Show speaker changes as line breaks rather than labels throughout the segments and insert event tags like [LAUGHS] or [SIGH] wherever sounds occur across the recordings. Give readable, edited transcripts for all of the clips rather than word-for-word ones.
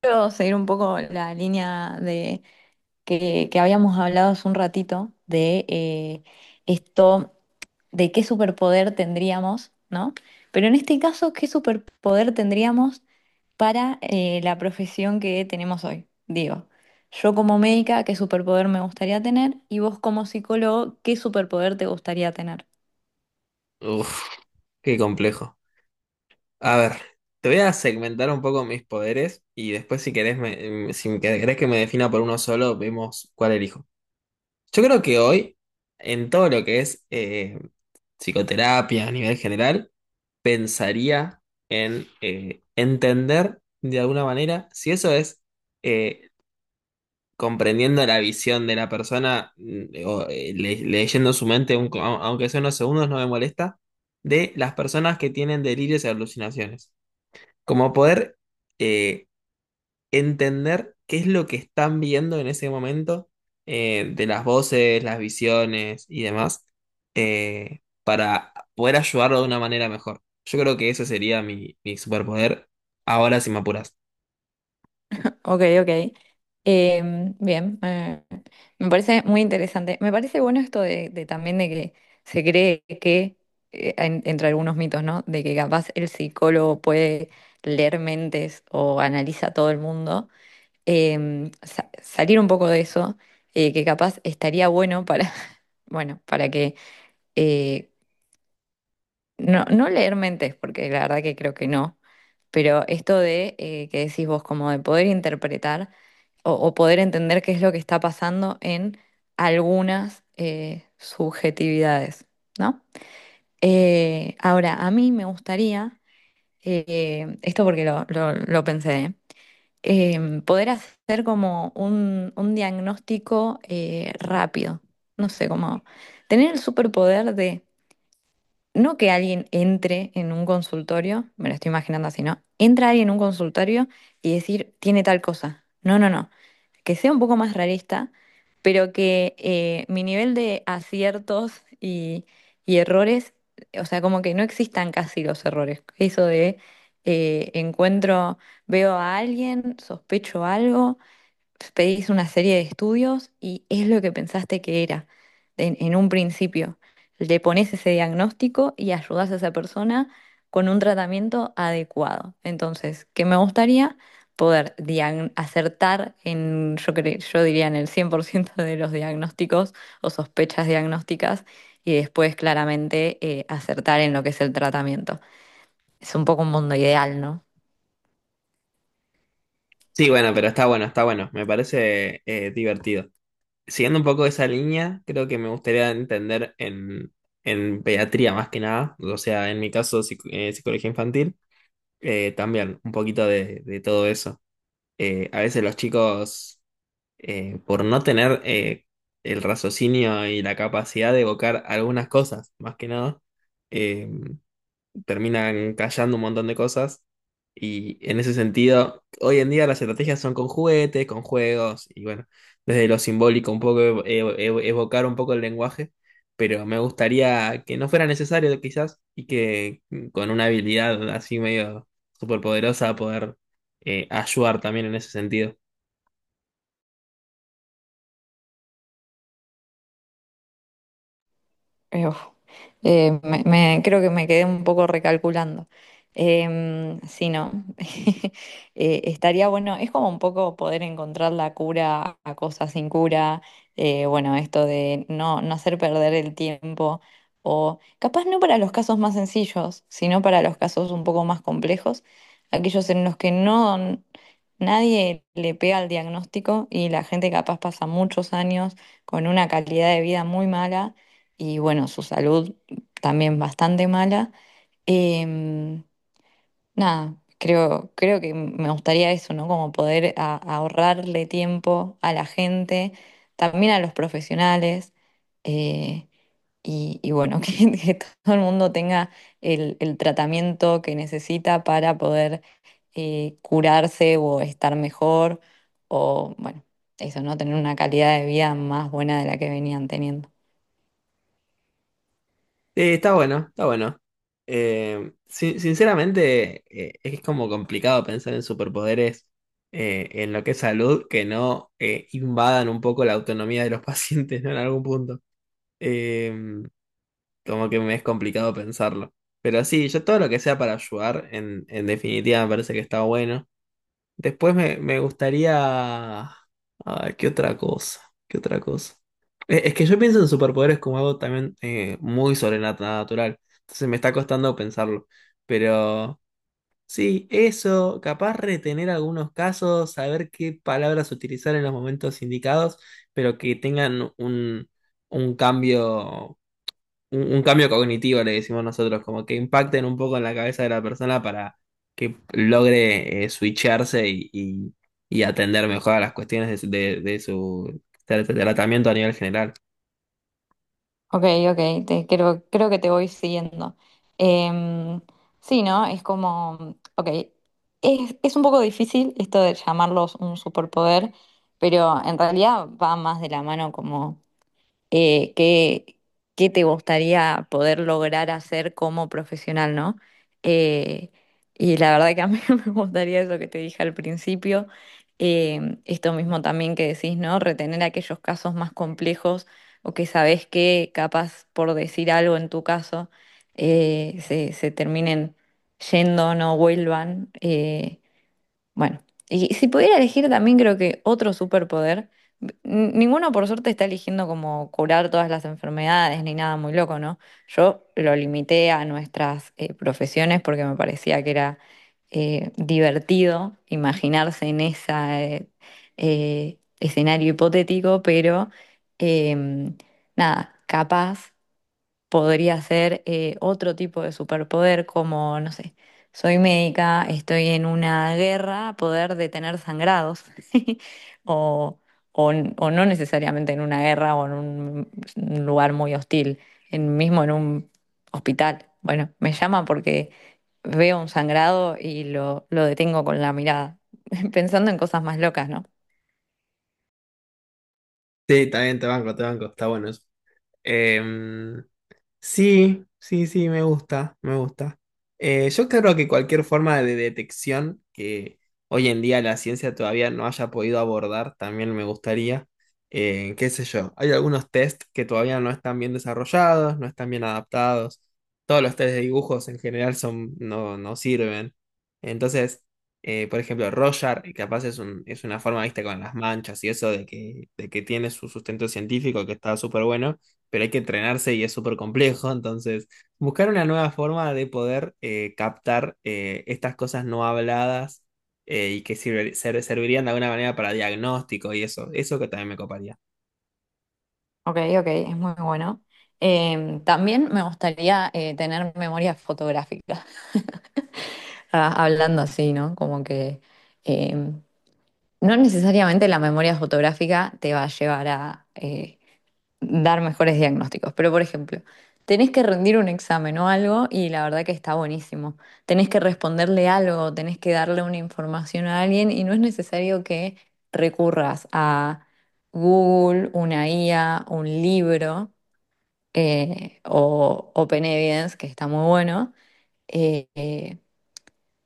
Quiero seguir un poco la línea de que habíamos hablado hace un ratito de esto, de qué superpoder tendríamos, ¿no? Pero en este caso, ¿qué superpoder tendríamos para la profesión que tenemos hoy? Digo, yo como médica, ¿qué superpoder me gustaría tener? Y vos como psicólogo, ¿qué superpoder te gustaría tener?
Uf, qué complejo. A ver, te voy a segmentar un poco mis poderes y después si querés, si querés que me defina por uno solo, vemos cuál elijo. Yo creo que hoy, en todo lo que es psicoterapia a nivel general, pensaría en entender de alguna manera si eso es eh, comprendiendo la visión de la persona, o, leyendo su mente, aunque sea unos segundos, no me molesta, de las personas que tienen delirios y alucinaciones. Como poder eh, entender qué es lo que están viendo en ese momento, de las voces, las visiones y demás, para poder ayudarlo de una manera mejor. Yo creo que ese sería mi superpoder ahora si me apuras.
Ok, ok. Bien, me parece muy interesante. Me parece bueno esto de también de que se cree que entre algunos mitos, ¿no? De que capaz el psicólogo puede leer mentes o analiza a todo el mundo. Em, salir un poco de eso, que capaz estaría bueno para, [LAUGHS] bueno, para que eh, no, no leer mentes, porque la verdad que creo que no, pero esto de que decís vos, como de poder interpretar o poder entender qué es lo que está pasando en algunas subjetividades, ¿no? Ahora, a mí me gustaría, esto porque lo pensé, ¿eh? Poder hacer como un diagnóstico rápido, no sé, como tener el superpoder de no que alguien entre en un consultorio, me lo estoy imaginando así, ¿no? Entra alguien en un consultorio y decir, tiene tal cosa. No, no, no. Que sea un poco más realista, pero que mi nivel de aciertos y errores, o sea, como que no existan casi los errores. Eso de encuentro, veo a alguien, sospecho algo pedís una serie de estudios y es lo que pensaste que era en un principio. Le pones ese diagnóstico y ayudas a esa persona con un tratamiento adecuado. Entonces, ¿qué me gustaría? Poder acertar en, yo diría en el 100% [LAUGHS] de los diagnósticos o sospechas diagnósticas y después claramente acertar en lo que es el tratamiento. Es un poco un mundo ideal, ¿no?
Sí, bueno, pero está bueno, está bueno. Me parece divertido. Siguiendo un poco esa línea, creo que me gustaría entender en pediatría más que nada, o sea, en mi caso, psicología infantil, también un poquito de todo eso. A veces los chicos, por no tener el raciocinio y la capacidad de evocar algunas cosas, más que nada, eh, terminan callando un montón de cosas. Y en ese sentido, hoy en día las estrategias son con juguetes, con juegos, y bueno, desde lo simbólico un poco evocar un poco el lenguaje, pero me gustaría que no fuera necesario quizás y que con una habilidad así medio superpoderosa poder ayudar también en ese sentido.
Uf, creo que me quedé un poco recalculando. Em, sí, no. [LAUGHS] Estaría bueno, es como un poco poder encontrar la cura a cosas sin cura. Eh, bueno, esto de no, no hacer perder el tiempo. O capaz no para los casos más sencillos, sino para los casos un poco más complejos, aquellos en los que no nadie le pega al diagnóstico y la gente capaz pasa muchos años con una calidad de vida muy mala y bueno, su salud también bastante mala. Em, nada, creo que me gustaría eso, ¿no? Como poder ahorrarle tiempo a la gente, también a los profesionales, eh, y bueno, [LAUGHS] que todo el mundo tenga el tratamiento que necesita para poder curarse o estar mejor, o bueno, eso, ¿no? Tener una calidad de vida más buena de la que venían teniendo.
Sí, está bueno, está bueno. Sinceramente, es como complicado pensar en superpoderes en lo que es salud que no invadan un poco la autonomía de los [LAUGHS] pacientes, ¿no? En algún punto. Eh, como que me es complicado pensarlo. Pero sí, yo todo lo que sea para ayudar, en definitiva, me parece que está bueno. Después me gustaría... Ah, ¿qué otra cosa? ¿Qué otra cosa? Es que yo pienso en superpoderes como algo también muy sobrenatural. Entonces me está costando pensarlo. Pero sí, eso, capaz retener algunos casos, saber qué palabras utilizar en los momentos indicados, pero que tengan un cambio un cambio cognitivo, le decimos nosotros, como que impacten un poco en la cabeza de la persona para que logre switcharse y atender mejor a las cuestiones de su tratamiento a nivel general.
Ok, ok, te, creo que te voy siguiendo. Em, sí, ¿no? Es como, ok, es un poco difícil esto de llamarlos un superpoder, pero en realidad va más de la mano como eh, qué, qué te gustaría poder lograr hacer como profesional, ¿no? Eh, y la verdad que a mí [LAUGHS] me gustaría eso que te dije al principio, esto mismo también que decís, ¿no? Retener aquellos casos más complejos o que sabés que capaz por decir algo en tu caso se terminen yendo, no vuelvan. Eh, bueno, y si pudiera elegir también creo que otro superpoder, ninguno por suerte está eligiendo como curar todas las enfermedades ni nada muy loco, ¿no? Yo lo limité a nuestras profesiones porque me parecía que era divertido imaginarse en ese escenario hipotético, pero em, nada, capaz podría ser otro tipo de superpoder como, no sé, soy médica, estoy en una guerra, poder detener sangrados, [LAUGHS] o, o, o no necesariamente en una guerra o en un lugar muy hostil, en, mismo en un hospital. Bueno, me llama porque veo un sangrado y lo detengo con la mirada, [LAUGHS] pensando en cosas más locas, ¿no?
Sí, también te banco, está bueno eso. Sí, sí, sí, me gusta, me gusta. Yo creo que cualquier forma de detección que hoy en día la ciencia todavía no haya podido abordar, también me gustaría. Qué sé yo, hay algunos test que todavía no están bien desarrollados, no están bien adaptados. Todos los test de dibujos en general son, no sirven. Entonces, por ejemplo, Roger, y capaz es un, es una forma, viste, con las manchas y eso de que tiene su sustento científico que está súper bueno pero hay que entrenarse y es súper complejo. Entonces, buscar una nueva forma de poder captar estas cosas no habladas y que servirían de alguna manera para diagnóstico y eso. Eso que también me coparía.
Ok, ok, es muy bueno. Em, también me gustaría tener memoria fotográfica. Ah, hablando así, ¿no? Como que eh, no necesariamente la memoria fotográfica te va a llevar a dar mejores diagnósticos, pero por ejemplo, tenés que rendir un examen o algo y la verdad que está buenísimo. Tenés que responderle algo, tenés que darle una información a alguien y no es necesario que recurras a Google, una IA, un libro o Open Evidence, que está muy bueno eh,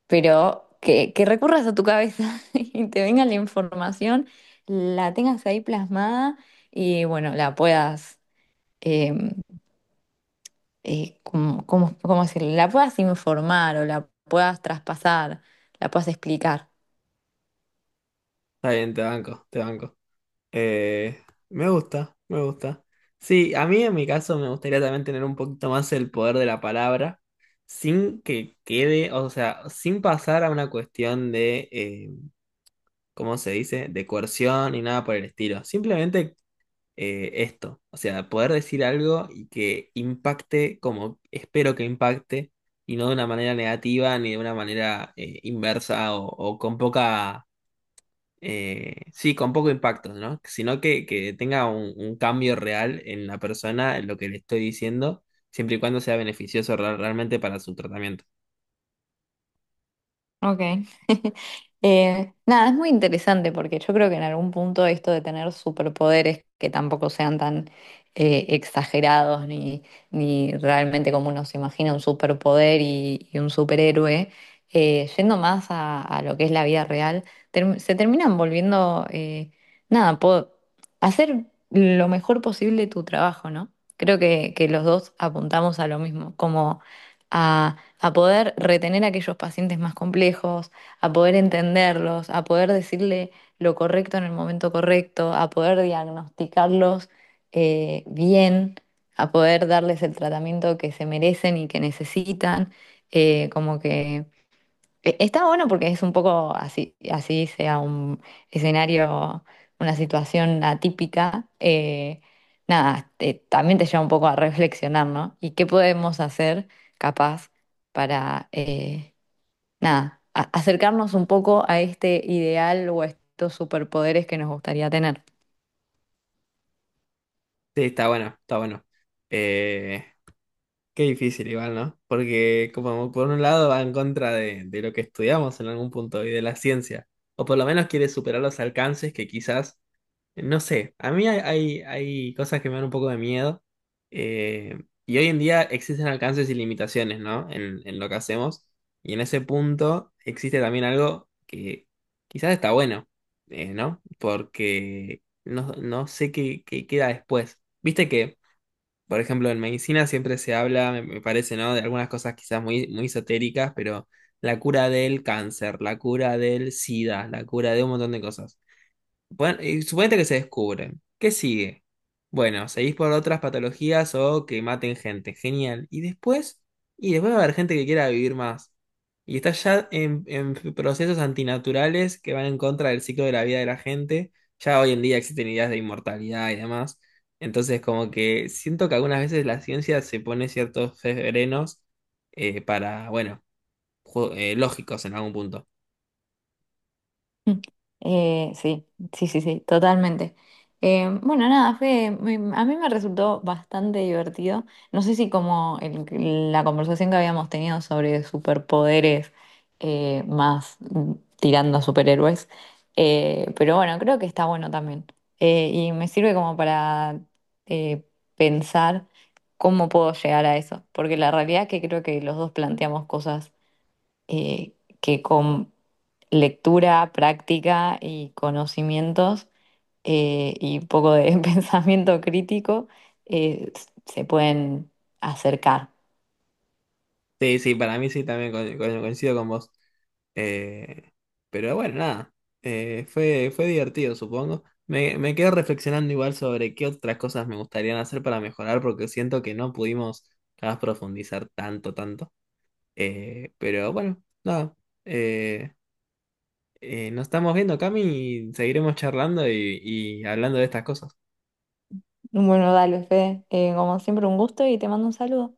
pero que recurras a tu cabeza [LAUGHS] y te venga la información, la tengas ahí plasmada y bueno, la puedas, eh, ¿cómo decirlo? La puedas informar o la puedas traspasar, la puedas explicar.
Está bien, te banco, te banco. Eh, me gusta, me gusta. Sí, a mí en mi caso me gustaría también tener un poquito más el poder de la palabra. Sin que quede, o sea, sin pasar a una cuestión de ¿cómo se dice? De coerción ni nada por el estilo. Simplemente esto. O sea, poder decir algo y que impacte como espero que impacte y no de una manera negativa ni de una manera inversa o con poca, sí, con poco impacto, ¿no? Que tenga un cambio real en la persona, en lo que le estoy diciendo, siempre y cuando sea beneficioso realmente para su tratamiento.
Ok. [LAUGHS] Nada, es muy interesante porque yo creo que en algún punto esto de tener superpoderes que tampoco sean tan exagerados ni, ni realmente como uno se imagina un superpoder y un superhéroe, yendo más a lo que es la vida real, se terminan volviendo, nada, hacer lo mejor posible tu trabajo, ¿no? Creo que los dos apuntamos a lo mismo, como a poder retener a aquellos pacientes más complejos, a poder entenderlos, a poder decirle lo correcto en el momento correcto, a poder diagnosticarlos bien, a poder darles el tratamiento que se merecen y que necesitan. Como que está bueno porque es un poco así, así sea un escenario, una situación atípica. Eh, nada, también te lleva un poco a reflexionar, ¿no? ¿Y qué podemos hacer capaz para, nada, acercarnos un poco a este ideal o a estos superpoderes que nos gustaría tener?
Sí, está bueno, está bueno. Eh, qué difícil igual, ¿no? Porque como por un lado va en contra de lo que estudiamos en algún punto y de la ciencia, o por lo menos quiere superar los alcances que quizás, no sé, a mí hay cosas que me dan un poco de miedo y hoy en día existen alcances y limitaciones, ¿no? En lo que hacemos y en ese punto existe también algo que quizás está bueno, ¿no? Porque no sé qué queda después. Viste que... Por ejemplo, en medicina siempre se habla, me parece, ¿no? De algunas cosas quizás muy esotéricas, pero la cura del cáncer, la cura del SIDA, la cura de un montón de cosas. Bueno, y suponete que se descubren. ¿Qué sigue? Bueno, seguís por otras patologías o que maten gente. Genial. Y después va a haber gente que quiera vivir más. Y está ya en procesos antinaturales que van en contra del ciclo de la vida de la gente. Ya hoy en día existen ideas de inmortalidad y demás. Entonces, como que siento que algunas veces la ciencia se pone ciertos frenos para, bueno, lógicos en algún punto.
Mm. Sí, sí, sí, sí, totalmente. Bueno, nada, a mí me resultó bastante divertido. No sé si como la conversación que habíamos tenido sobre superpoderes eh, más mm, tirando a superhéroes, pero bueno, creo que está bueno también. Y me sirve como para eh, pensar cómo puedo llegar a eso, porque la realidad es que creo que los dos planteamos cosas eh, que con lectura, práctica y conocimientos y un poco de [LAUGHS] pensamiento crítico se pueden acercar.
Sí, sí, para mí sí, también coincido con vos. Eh, pero bueno, nada, fue, fue divertido, supongo. Me quedo reflexionando igual sobre qué otras cosas me gustaría hacer para mejorar, porque siento que no pudimos capaz, profundizar tanto, tanto. Pero bueno, nada, eh, nos estamos viendo, Cami, y seguiremos charlando y hablando de estas cosas.
Bueno, dale, Fede, como siempre un gusto y te mando un saludo.